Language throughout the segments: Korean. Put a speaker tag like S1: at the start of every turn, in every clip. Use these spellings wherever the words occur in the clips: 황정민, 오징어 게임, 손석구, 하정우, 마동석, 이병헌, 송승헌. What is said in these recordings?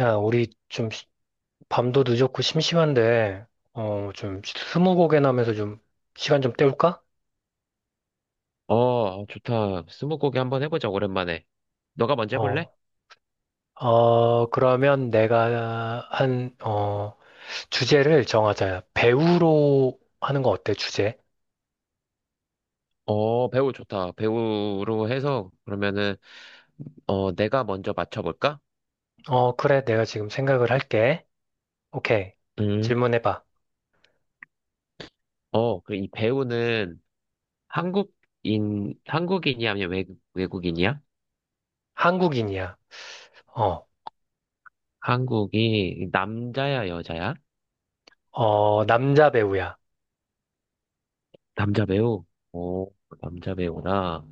S1: 야, 우리 좀 밤도 늦었고 심심한데, 좀 스무고개나 하면서 좀 시간 좀 때울까?
S2: 어, 좋다. 스무고개 한번 해보자, 오랜만에. 너가 먼저 해볼래?
S1: 어, 그러면 내가 주제를 정하자. 배우로 하는 거 어때, 주제?
S2: 어, 배우 좋다. 배우로 해서, 그러면은, 내가 먼저 맞춰볼까?
S1: 어, 그래, 내가 지금 생각을 할게. 오케이.
S2: 음.
S1: 질문해봐.
S2: 어, 그리이 배우는 한국인이야, 아니면 외국인이야?
S1: 한국인이야. 어,
S2: 한국이 남자야, 여자야?
S1: 어, 남자 배우야.
S2: 남자 배우? 오, 남자 배우라.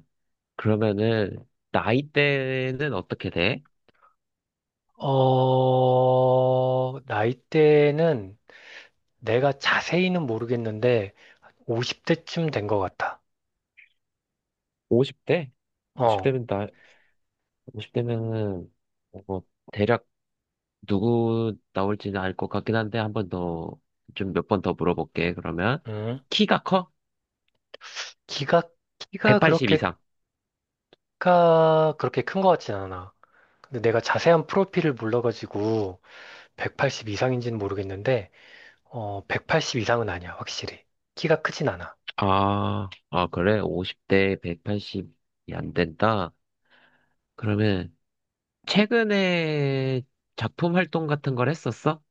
S2: 그러면은, 나이대는 어떻게 돼?
S1: 나이대는 내가 자세히는 모르겠는데, 50대쯤 된 것 같아.
S2: 50대?
S1: 어,
S2: 50대면 나, 50대면은 뭐, 대략 누구 나올지는 알 것 같긴 한데 한 번 더, 좀 몇 번 더 물어볼게. 그러면
S1: 음,
S2: 키가 커?
S1: 키가, 키가
S2: 180 이상.
S1: 그렇게 큰 것 같진 않아. 근데 내가 자세한 프로필을 몰라가지고 180 이상인지는 모르겠는데, 180 이상은 아니야, 확실히. 키가 크진 않아.
S2: 아, 그래? 50대 180이 안 된다. 그러면 최근에 작품 활동 같은 걸 했었어?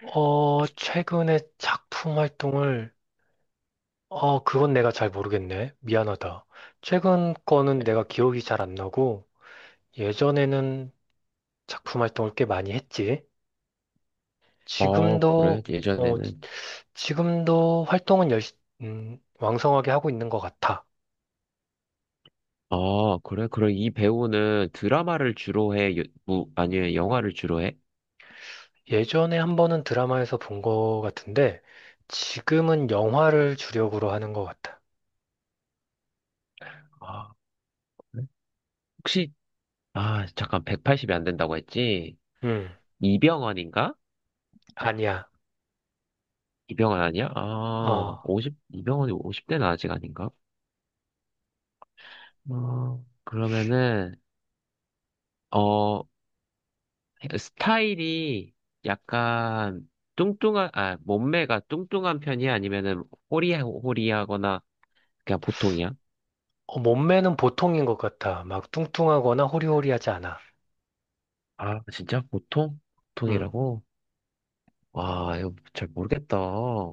S1: 어, 최근에 그건 내가 잘 모르겠네. 미안하다. 최근 거는 내가 기억이 잘 안 나고, 예전에는 작품 활동을 꽤 많이 했지.
S2: 어, 그래?
S1: 지금도, 어, 지-
S2: 예전에는.
S1: 지금도 활동은 왕성하게 하고 있는 것 같아.
S2: 아, 그래? 그럼 이 배우는 드라마를 주로 해? 뭐, 아니면 영화를 주로 해?
S1: 예전에 한 번은 드라마에서 본 것 같은데, 지금은 영화를 주력으로 하는 것 같아.
S2: 아, 그래? 혹시, 아, 잠깐, 180이 안 된다고 했지?
S1: 음,
S2: 이병헌인가?
S1: 아니야.
S2: 이병헌 아니야? 아,
S1: 어,
S2: 오십 이병헌이 50대는 아직 아닌가? 아, 그러면은, 어, 스타일이 약간 뚱뚱한, 몸매가 뚱뚱한 편이야? 아니면은 호리하거나 그냥 보통이야?
S1: 몸매는 보통인 것 같아. 막 뚱뚱하거나 호리호리하지 않아.
S2: 아, 진짜? 보통?
S1: 음,
S2: 보통이라고? 와, 이거 잘 모르겠다.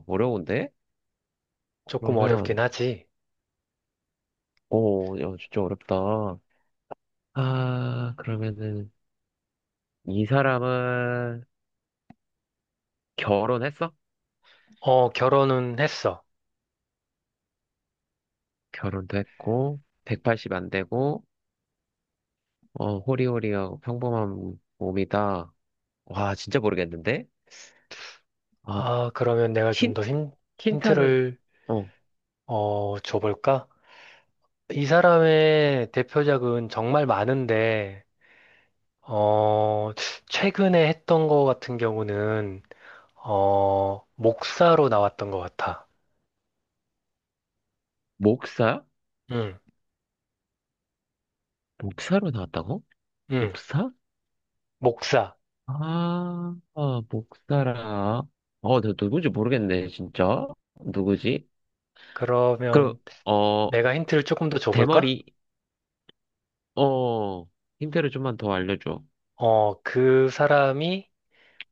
S2: 어려운데?
S1: 조금 어렵긴
S2: 그러면,
S1: 하지.
S2: 오, 야, 진짜 어렵다. 아, 그러면은, 이 사람은 결혼했어?
S1: 어, 결혼은 했어.
S2: 결혼도 했고, 180 안 되고, 호리호리하고 평범한 몸이다. 와, 진짜 모르겠는데? 어,
S1: 아, 그러면 내가
S2: 힌트? 힌트는,
S1: 힌트를,
S2: 어,
S1: 줘볼까? 이 사람의 대표작은 정말 많은데, 어, 최근에 했던 거 같은 경우는, 목사로 나왔던 것 같아.
S2: 목사?
S1: 응,
S2: 목사로 나왔다고?
S1: 응,
S2: 목사?
S1: 목사.
S2: 아, 목사라. 어, 나 누구지 모르겠네, 진짜. 누구지? 그,
S1: 그러면
S2: 어,
S1: 내가 힌트를 조금 더 줘볼까?
S2: 대머리, 어, 힌트를 좀만 더 알려줘.
S1: 어, 그 사람이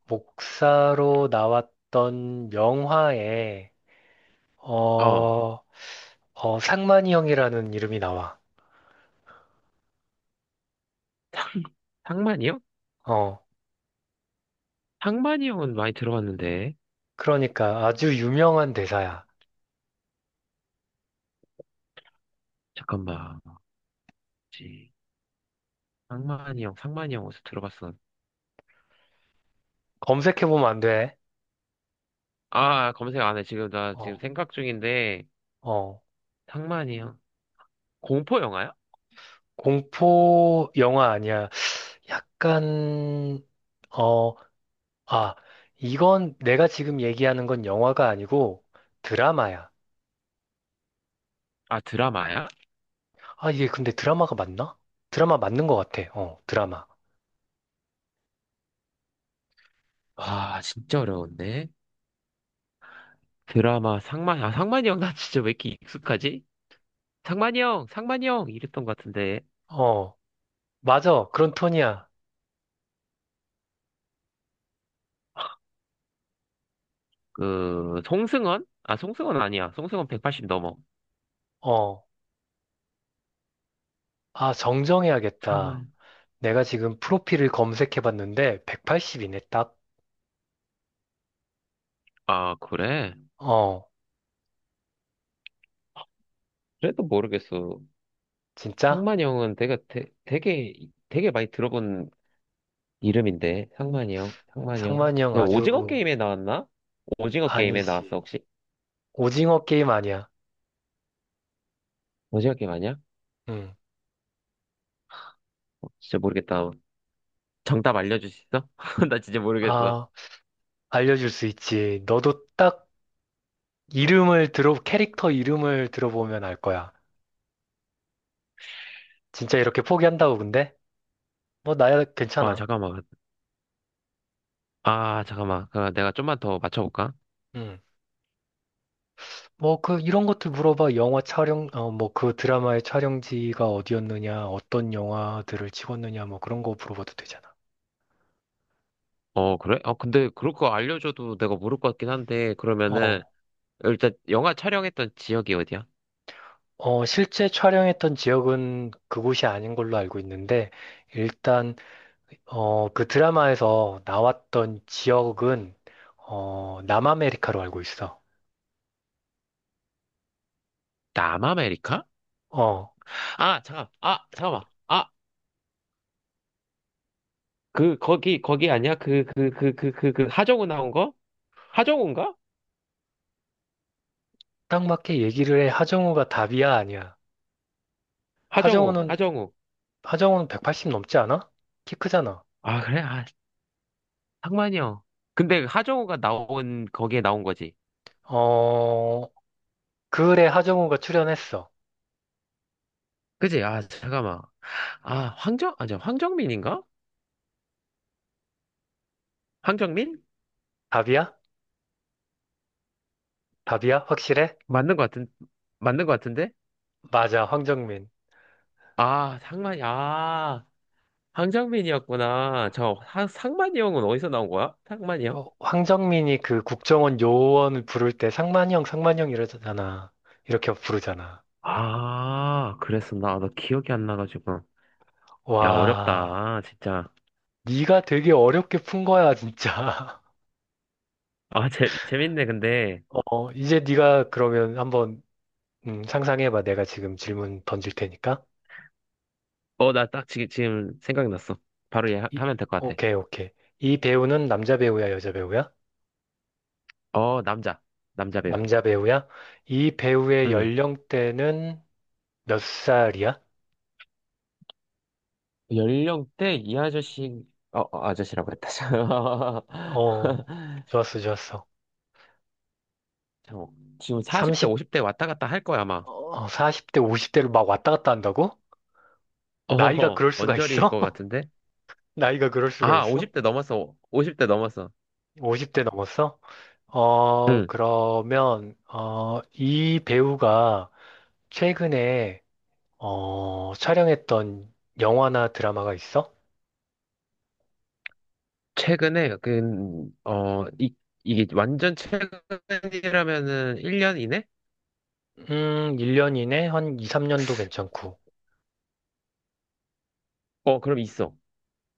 S1: 목사로 나왔던 영화에,
S2: 어,
S1: 어, 상만이 형이라는 이름이 나와.
S2: 상만이 형?
S1: 어,
S2: 상만이 형은 많이 들어봤는데.
S1: 그러니까 아주 유명한 대사야.
S2: 잠깐만. 상만이 형, 상만이 형 어디서 들어봤어?
S1: 검색해보면 안 돼.
S2: 아, 검색 안 해. 지금 나 지금
S1: 어.
S2: 생각 중인데,
S1: 어.
S2: 상만이 형. 공포 영화야?
S1: 공포 영화 아니야. 약간, 어, 아, 이건 내가 지금 얘기하는 건 영화가 아니고 드라마야.
S2: 아, 드라마야?
S1: 아, 이게 근데 드라마가 맞나? 드라마 맞는 것 같아. 어, 드라마.
S2: 와, 진짜 어려운데? 드라마, 상만이, 아, 상만이 형, 나 진짜 왜 이렇게 익숙하지? 상만이 형, 상만이 형! 이랬던 것 같은데.
S1: 어, 맞아. 그런 톤이야.
S2: 그, 송승헌? 아, 송승헌 아니야. 송승헌 180 넘어.
S1: 어, 아, 정정해야겠다.
S2: 상만.
S1: 내가 지금 프로필을 검색해 봤는데 180이네, 딱.
S2: 아, 그래?
S1: 어,
S2: 그래도 모르겠어.
S1: 진짜?
S2: 상만이 형은 내가 되게 많이 들어본 이름인데 상만이 형, 상만이 형.
S1: 상만이 형
S2: 야,
S1: 아주
S2: 오징어 게임에 나왔나? 오징어 게임에 나왔어
S1: 아니지.
S2: 혹시?
S1: 오징어 게임 아니야.
S2: 오징어 게임 아니야?
S1: 응.
S2: 어, 진짜 모르겠다. 정답 알려줄 수 있어? 나 진짜 모르겠어.
S1: 아. 알려줄 수 있지. 너도 딱 캐릭터 이름을 들어보면 알 거야. 진짜 이렇게 포기한다고, 근데? 뭐, 나야
S2: 아
S1: 괜찮아.
S2: 잠깐만. 아 잠깐만. 그, 내가 좀만 더 맞춰볼까?
S1: 응. 뭐, 그, 이런 것들 물어봐. 뭐, 그 드라마의 촬영지가 어디였느냐, 어떤 영화들을 찍었느냐, 뭐, 그런 거 물어봐도 되잖아.
S2: 어 그래? 어 근데 그럴 거 알려줘도 내가 모를 것 같긴 한데 그러면은
S1: 어,
S2: 일단 영화 촬영했던 지역이 어디야?
S1: 실제 촬영했던 지역은 그곳이 아닌 걸로 알고 있는데, 일단, 어, 그 드라마에서 나왔던 지역은, 어, 남아메리카로 알고 있어.
S2: 남아메리카?
S1: 어.
S2: 아 잠깐. 아 잠깐만. 아 그 거기 아니야? 그 하정우 나온 거? 하정우인가?
S1: 딱 맞게 얘기를 해. 하정우가 답이야, 아니야.
S2: 하정우,
S1: 하정우는,
S2: 하정우.
S1: 하정우는 180 넘지 않아? 키 크잖아.
S2: 아, 그래? 아, 상만이요. 근데 하정우가 거기에 나온 거지.
S1: 어, 그래, 하정우가 출연했어.
S2: 그지? 아, 잠깐만. 아, 아니, 황정민인가? 황정민?
S1: 답이야? 답이야? 확실해?
S2: 맞는 것 같은, 맞는 것 같은데?
S1: 맞아, 황정민.
S2: 아, 상만이, 아, 황정민이었구나. 상만이 형은 어디서 나온 거야? 상만이 형?
S1: 어, 황정민이 그 국정원 요원을 부를 때 상만형, 상만형 이러잖아. 이렇게 부르잖아.
S2: 아, 그랬었나? 아, 나 기억이 안 나가지고. 야,
S1: 와,
S2: 어렵다, 진짜.
S1: 네가 되게 어렵게 푼 거야, 진짜.
S2: 아, 재밌네, 근데.
S1: 어, 이제 네가 그러면 한번 상상해봐. 내가 지금 질문 던질 테니까.
S2: 어, 나 딱 지금 생각났어. 바로 얘 하,
S1: 이,
S2: 면 될 것 같아.
S1: 오케이, 오케이. 이 배우는 남자 배우야, 여자 배우야?
S2: 어, 남자. 남자 배우.
S1: 남자 배우야? 이 배우의
S2: 응.
S1: 연령대는 몇 살이야?
S2: 연령대 이 아저씨, 아저씨라고 했다.
S1: 어, 좋았어, 좋았어.
S2: 잠 지금 40대,
S1: 30,
S2: 50대 왔다 갔다 할 거야, 아마.
S1: 어, 40대, 50대로 막 왔다 갔다 한다고? 나이가
S2: 어,
S1: 그럴 수가
S2: 언저리일
S1: 있어?
S2: 것 같은데?
S1: 나이가 그럴 수가
S2: 아,
S1: 있어?
S2: 50대 넘었어. 50대 넘었어.
S1: 50대 넘었어?
S2: 응.
S1: 그러면, 이 배우가 최근에, 어, 촬영했던 영화나 드라마가 있어?
S2: 최근에, 어, 이, 이게 완전 최근이라면은 1년 이내?
S1: 1년 이내 한 2, 3년도 괜찮고.
S2: 어, 그럼 있어.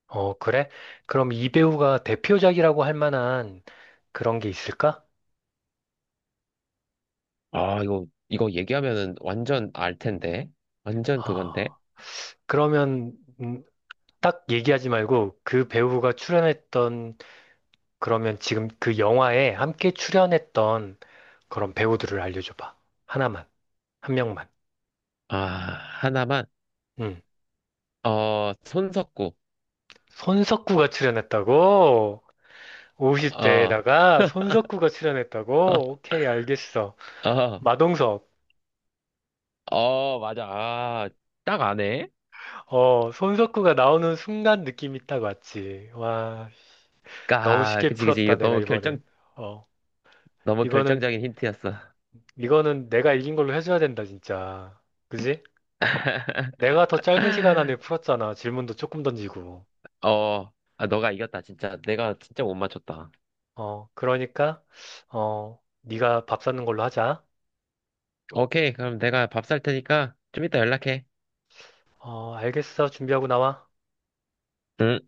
S1: 어, 그래? 그럼 이 배우가 대표작이라고 할 만한 그런 게 있을까?
S2: 아, 이거 얘기하면은 완전 알 텐데. 완전
S1: 아,
S2: 그건데.
S1: 그러면 음, 딱 얘기하지 말고 그 배우가 출연했던 그러면 지금 그 영화에 함께 출연했던 그런 배우들을 알려줘 봐. 하나만, 한 명만.
S2: 아, 하나만.
S1: 음.
S2: 어, 손석구.
S1: 손석구가 출연했다고?
S2: 어,
S1: 50대에다가 손석구가 출연했다고? 오케이, 알겠어.
S2: 어.
S1: 마동석.
S2: 어, 맞아. 아, 딱 아네.
S1: 어, 손석구가 나오는 순간 느낌이 딱 왔지. 와, 너무
S2: 아,
S1: 쉽게
S2: 그치, 그치. 이거
S1: 풀었다, 내가 이번엔. 어,
S2: 너무
S1: 이거는,
S2: 결정적인 힌트였어.
S1: 이거는 내가 이긴 걸로 해줘야 된다, 진짜. 그지? 내가 더 짧은 시간 안에 풀었잖아. 질문도 조금 던지고.
S2: 아, 너가 이겼다, 진짜. 내가 진짜 못 맞췄다.
S1: 어, 그러니까, 어, 네가 밥 사는 걸로 하자.
S2: 오케이, 그럼 내가 밥 살 테니까 좀 이따 연락해.
S1: 어, 알겠어. 준비하고 나와.
S2: 응.